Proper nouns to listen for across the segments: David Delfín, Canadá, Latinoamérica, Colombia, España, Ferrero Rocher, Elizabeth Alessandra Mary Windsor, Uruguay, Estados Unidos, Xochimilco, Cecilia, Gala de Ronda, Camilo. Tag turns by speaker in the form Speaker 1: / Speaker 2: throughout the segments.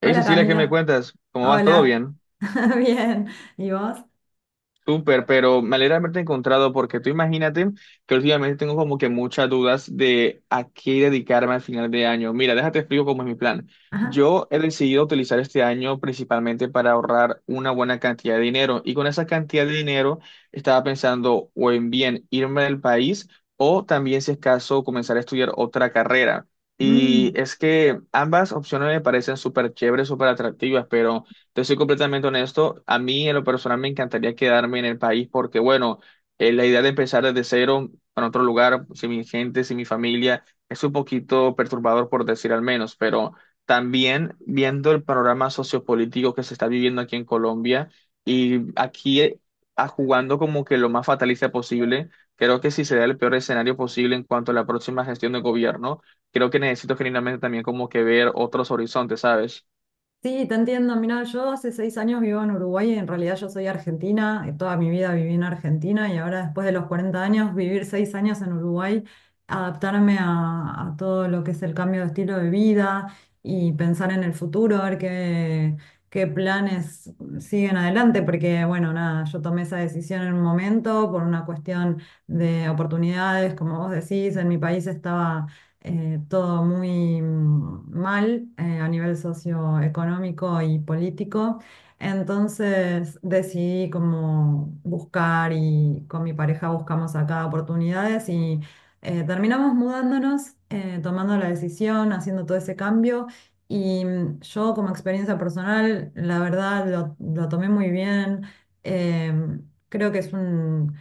Speaker 1: Hey
Speaker 2: Hola
Speaker 1: Cecilia, ¿qué me
Speaker 2: Camilo,
Speaker 1: cuentas? ¿Cómo vas? ¿Todo
Speaker 2: hola,
Speaker 1: bien?
Speaker 2: bien, ¿y vos?
Speaker 1: Súper, pero me alegra haberte encontrado porque tú imagínate que últimamente tengo como que muchas dudas de a qué dedicarme al final de año. Mira, déjate explico cómo es mi plan.
Speaker 2: Ajá.
Speaker 1: Yo he decidido utilizar este año principalmente para ahorrar una buena cantidad de dinero y con esa cantidad de dinero estaba pensando o en bien irme del país o también si es caso comenzar a estudiar otra carrera. Y
Speaker 2: Mm.
Speaker 1: es que ambas opciones me parecen súper chéveres, súper atractivas, pero... Te soy completamente honesto, a mí en lo personal me encantaría quedarme en el país porque, bueno, la idea de empezar desde cero en otro lugar, sin mi gente, sin mi familia, es un poquito perturbador por decir al menos, pero también viendo el panorama sociopolítico que se está viviendo aquí en Colombia y aquí jugando como que lo más fatalista posible, creo que si se da el peor escenario posible en cuanto a la próxima gestión de gobierno, creo que necesito genuinamente también como que ver otros horizontes, ¿sabes?
Speaker 2: Sí, te entiendo. Mira, yo hace 6 años vivo en Uruguay y en realidad yo soy argentina. Toda mi vida viví en Argentina y ahora después de los 40 años, vivir 6 años en Uruguay, adaptarme a todo lo que es el cambio de estilo de vida y pensar en el futuro, a ver qué planes siguen adelante, porque bueno, nada, yo tomé esa decisión en un momento por una cuestión de oportunidades, como vos decís. En mi país estaba todo muy mal a nivel socioeconómico y político. Entonces decidí como buscar y con mi pareja buscamos acá oportunidades y terminamos mudándonos, tomando la decisión, haciendo todo ese cambio. Y yo como experiencia personal, la verdad lo tomé muy bien. Em, Creo que es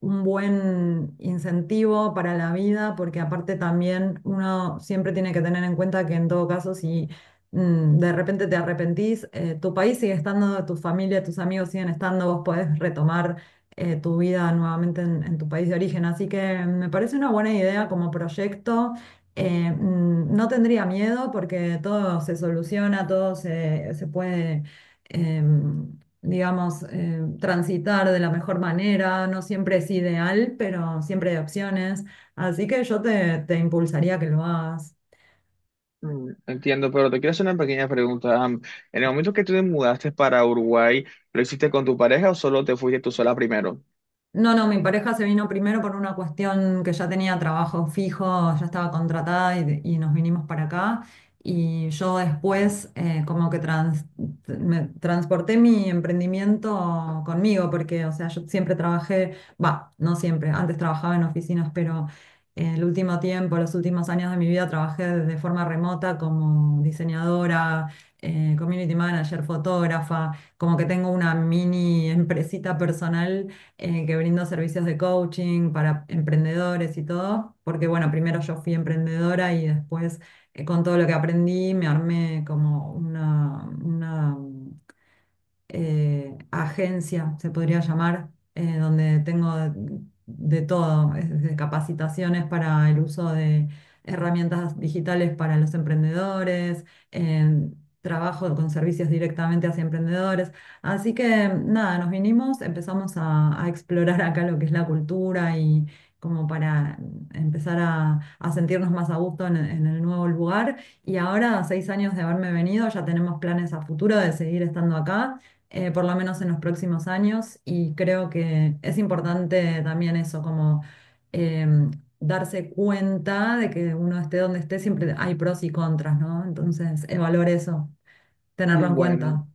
Speaker 2: un buen incentivo para la vida, porque aparte también uno siempre tiene que tener en cuenta que en todo caso, si de repente te arrepentís, tu país sigue estando, tu familia, tus amigos siguen estando, vos podés retomar tu vida nuevamente en tu país de origen. Así que me parece una buena idea como proyecto. No tendría miedo porque todo se soluciona, todo se puede em, digamos, transitar de la mejor manera. No siempre es ideal, pero siempre hay opciones. Así que yo te impulsaría a que lo hagas.
Speaker 1: Mm, entiendo, pero te quiero hacer una pequeña pregunta. En el momento que tú te mudaste para Uruguay, ¿lo hiciste con tu pareja o solo te fuiste tú sola primero?
Speaker 2: No, no, mi pareja se vino primero por una cuestión que ya tenía trabajo fijo, ya estaba contratada y nos vinimos para acá. Y yo después como que me transporté mi emprendimiento conmigo, porque, o sea, yo siempre trabajé, va, no siempre, antes trabajaba en oficinas, pero el último tiempo, los últimos años de mi vida trabajé de forma remota como diseñadora, community manager, fotógrafa, como que tengo una mini empresita personal que brindo servicios de coaching para emprendedores y todo, porque bueno, primero yo fui emprendedora y después con todo lo que aprendí me armé como una agencia, se podría llamar, donde tengo de todo, desde capacitaciones para el uso de herramientas digitales para los emprendedores, eh, trabajo con servicios directamente hacia emprendedores. Así que nada, nos vinimos, empezamos a explorar acá lo que es la cultura y como para empezar a sentirnos más a gusto en el nuevo lugar. Y ahora, a 6 años de haberme venido, ya tenemos planes a futuro de seguir estando acá por lo menos en los próximos años, y creo que es importante también eso, como em, darse cuenta de que uno esté donde esté, siempre hay pros y contras, ¿no? Entonces, evaluar eso, tenerlo en
Speaker 1: Bueno.
Speaker 2: cuenta.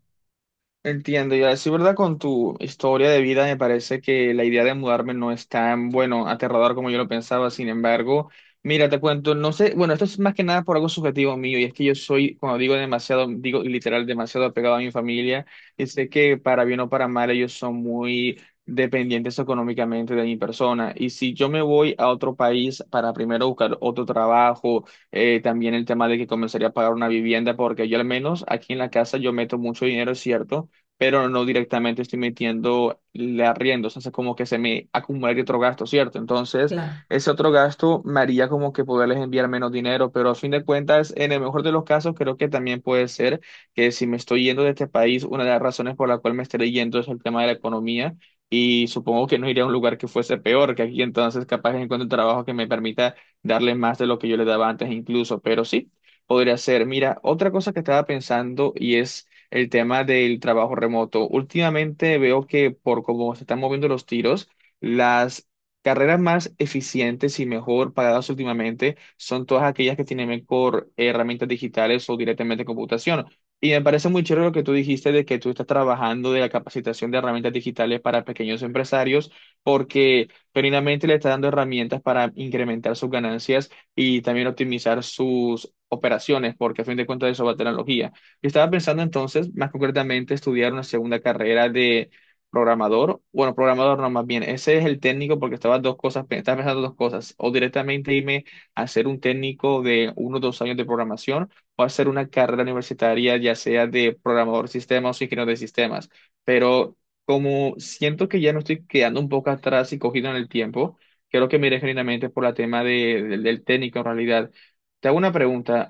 Speaker 1: Entiendo, y así, ¿verdad? Con tu historia de vida, me parece que la idea de mudarme no es tan, bueno, aterrador como yo lo pensaba. Sin embargo, mira, te cuento, no sé, bueno, esto es más que nada por algo subjetivo mío, y es que yo soy, cuando digo demasiado, digo literal, demasiado apegado a mi familia, y sé que para bien o para mal, ellos son muy dependientes económicamente de mi persona. Y si yo me voy a otro país para primero buscar otro trabajo, también el tema de que comenzaría a pagar una vivienda, porque yo al menos aquí en la casa yo meto mucho dinero, es cierto, pero no directamente estoy metiendo el arriendo, o sea, hace como que se me acumularía otro gasto, ¿cierto? Entonces,
Speaker 2: Claro.
Speaker 1: ese otro gasto me haría como que poderles enviar menos dinero, pero a fin de cuentas, en el mejor de los casos, creo que también puede ser que si me estoy yendo de este país, una de las razones por la cual me estaré yendo es el tema de la economía. Y supongo que no iría a un lugar que fuese peor que aquí, entonces capaz encuentro un trabajo que me permita darle más de lo que yo le daba antes incluso, pero sí, podría ser. Mira, otra cosa que estaba pensando y es el tema del trabajo remoto. Últimamente veo que por cómo se están moviendo los tiros, las carreras más eficientes y mejor pagadas últimamente son todas aquellas que tienen mejor herramientas digitales o directamente computación. Y me parece muy chévere lo que tú dijiste de que tú estás trabajando de la capacitación de herramientas digitales para pequeños empresarios, porque genuinamente le está dando herramientas para incrementar sus ganancias y también optimizar sus operaciones, porque a fin de cuentas eso va a tener tecnología. Yo estaba pensando entonces, más concretamente, estudiar una segunda carrera de programador. Bueno, programador no, más bien, ese es el técnico porque estaba dos cosas, estaba pensando dos cosas. O directamente irme a ser un técnico de uno o dos años de programación o hacer una carrera universitaria, ya sea de programador de sistemas o ingeniero de sistemas. Pero como siento que ya me estoy quedando un poco atrás y cogido en el tiempo, creo que me iré genuinamente por la tema del técnico en realidad. Te hago una pregunta.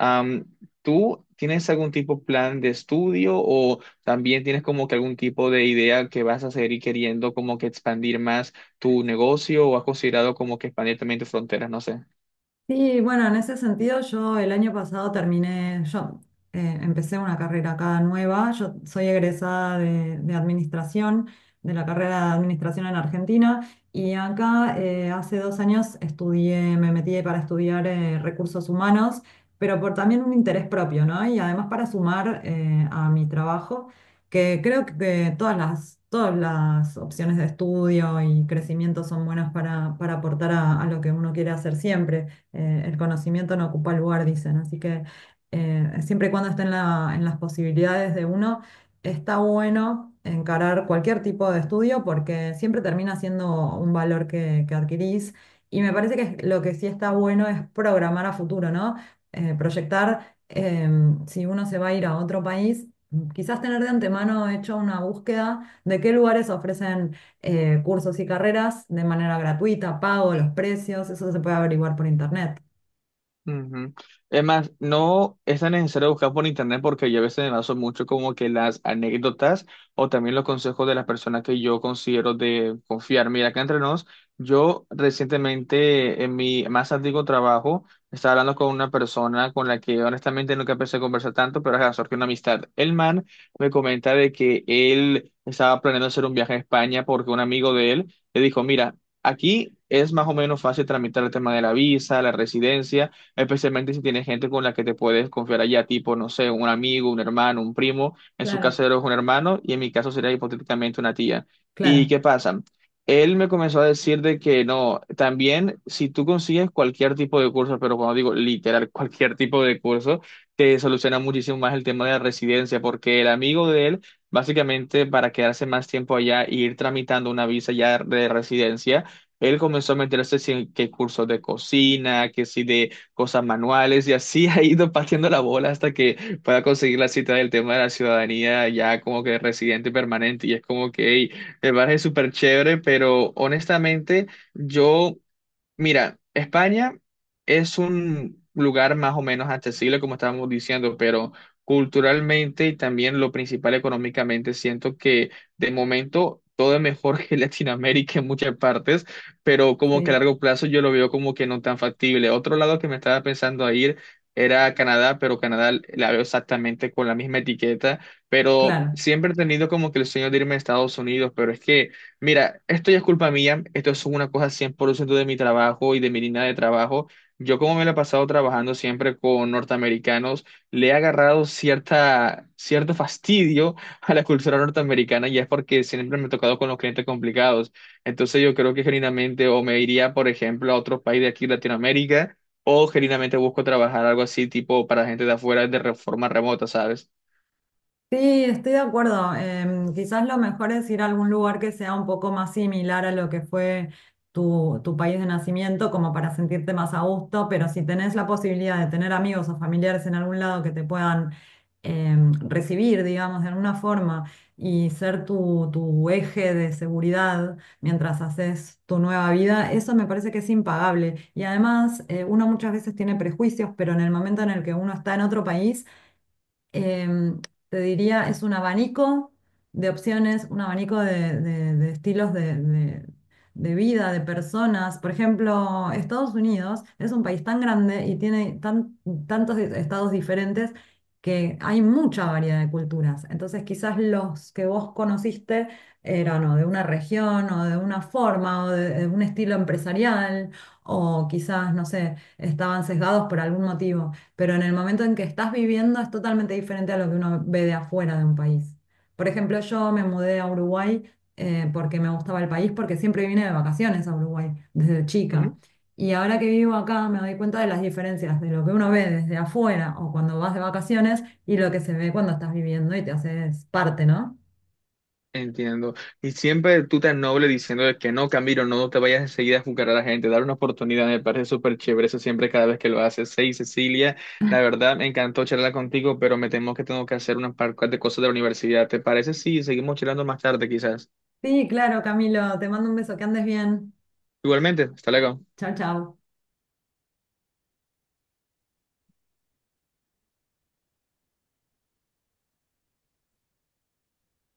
Speaker 1: ¿Tú tienes algún tipo de plan de estudio o también tienes como que algún tipo de idea que vas a seguir queriendo como que expandir más tu negocio o has considerado como que expandir también tus fronteras? No sé.
Speaker 2: Sí, bueno, en ese sentido yo el año pasado terminé, yo empecé una carrera acá nueva. Yo soy egresada de administración, de la carrera de administración en Argentina, y acá hace 2 años estudié, me metí para estudiar recursos humanos, pero por también un interés propio, ¿no? Y además para sumar a mi trabajo, que creo que todas todas las opciones de estudio y crecimiento son buenas para aportar a lo que uno quiere hacer siempre. El conocimiento no ocupa lugar, dicen. Así que siempre y cuando esté en las posibilidades de uno, está bueno encarar cualquier tipo de estudio porque siempre termina siendo un valor que adquirís. Y me parece que lo que sí está bueno es programar a futuro, ¿no? Proyectar si uno se va a ir a otro país, quizás tener de antemano hecho una búsqueda de qué lugares ofrecen cursos y carreras de manera gratuita, pago, los precios. Eso se puede averiguar por internet.
Speaker 1: Ujú. Es más, no es tan necesario buscar por internet porque yo a veces me baso mucho como que las anécdotas o también los consejos de las personas que yo considero de confiar. Mira, acá entre nos, yo recientemente en mi más antiguo trabajo estaba hablando con una persona con la que honestamente nunca pensé conversar tanto, pero ajá, surgió una amistad. El man me comenta de que él estaba planeando hacer un viaje a España porque un amigo de él le dijo, mira, aquí es más o menos fácil tramitar el tema de la visa, la residencia especialmente si tienes gente con la que te puedes confiar allá, tipo, no sé, un amigo, un hermano, un primo, en su
Speaker 2: Claro,
Speaker 1: caso es un hermano y en mi caso sería hipotéticamente una tía. ¿Y
Speaker 2: claro,
Speaker 1: qué pasa? Él me comenzó a decir de que no, también si tú consigues cualquier tipo de curso, pero cuando digo literal cualquier tipo de curso, te soluciona muchísimo más el tema de la residencia, porque el amigo de él, básicamente para quedarse más tiempo allá e ir tramitando una visa ya de residencia, él comenzó a meterse si en que cursos de cocina, que si de cosas manuales y así ha ido pateando la bola hasta que pueda conseguir la cita del tema de la ciudadanía ya como que residente permanente y es como que hey, me parece súper chévere, pero honestamente yo... Mira, España es un lugar más o menos accesible, como estábamos diciendo, pero culturalmente y también lo principal económicamente, siento que de momento todo es mejor que Latinoamérica en muchas partes, pero como que a
Speaker 2: sí,
Speaker 1: largo plazo yo lo veo como que no tan factible. Otro lado que me estaba pensando a ir era a Canadá, pero Canadá la veo exactamente con la misma etiqueta, pero
Speaker 2: claro.
Speaker 1: siempre he tenido como que el sueño de irme a Estados Unidos, pero es que... Mira, esto ya es culpa mía, esto es una cosa 100% de mi trabajo y de mi línea de trabajo. Yo como me la he pasado trabajando siempre con norteamericanos, le he agarrado cierta, cierto fastidio a la cultura norteamericana y es porque siempre me he tocado con los clientes complicados. Entonces yo creo que genuinamente o me iría, por ejemplo, a otro país de aquí, Latinoamérica, o genuinamente busco trabajar algo así tipo para gente de afuera de forma remota, ¿sabes?
Speaker 2: Sí, estoy de acuerdo. Quizás lo mejor es ir a algún lugar que sea un poco más similar a lo que fue tu país de nacimiento, como para sentirte más a gusto, pero si tenés la posibilidad de tener amigos o familiares en algún lado que te puedan recibir, digamos, de alguna forma y ser tu eje de seguridad mientras haces tu nueva vida. Eso me parece que es impagable. Y además, uno muchas veces tiene prejuicios, pero en el momento en el que uno está en otro país, em, te diría, es un abanico de opciones, un abanico de estilos de vida, de personas. Por ejemplo, Estados Unidos es un país tan grande y tiene tantos estados diferentes que hay mucha variedad de culturas. Entonces, quizás los que vos conociste eran o de una región o de una forma de un estilo empresarial o quizás, no sé, estaban sesgados por algún motivo, pero en el momento en que estás viviendo es totalmente diferente a lo que uno ve de afuera de un país. Por ejemplo, yo me mudé a Uruguay porque me gustaba el país, porque siempre vine de vacaciones a Uruguay desde chica. Y ahora que vivo acá me doy cuenta de las diferencias de lo que uno ve desde afuera o cuando vas de vacaciones y lo que se ve cuando estás viviendo y te haces parte, ¿no?
Speaker 1: Entiendo. Y siempre tú tan noble diciendo de que no, Camilo, no te vayas enseguida a juzgar a la gente, dar una oportunidad, me parece súper chévere eso siempre cada vez que lo haces. Sí, Cecilia, la verdad me encantó charlar contigo, pero me temo que tengo que hacer unas par de cosas de la universidad. ¿Te parece? Sí, seguimos charlando más tarde quizás.
Speaker 2: Sí, claro, Camilo, te mando un beso, que andes bien.
Speaker 1: Igualmente, hasta luego.
Speaker 2: Chao, chao.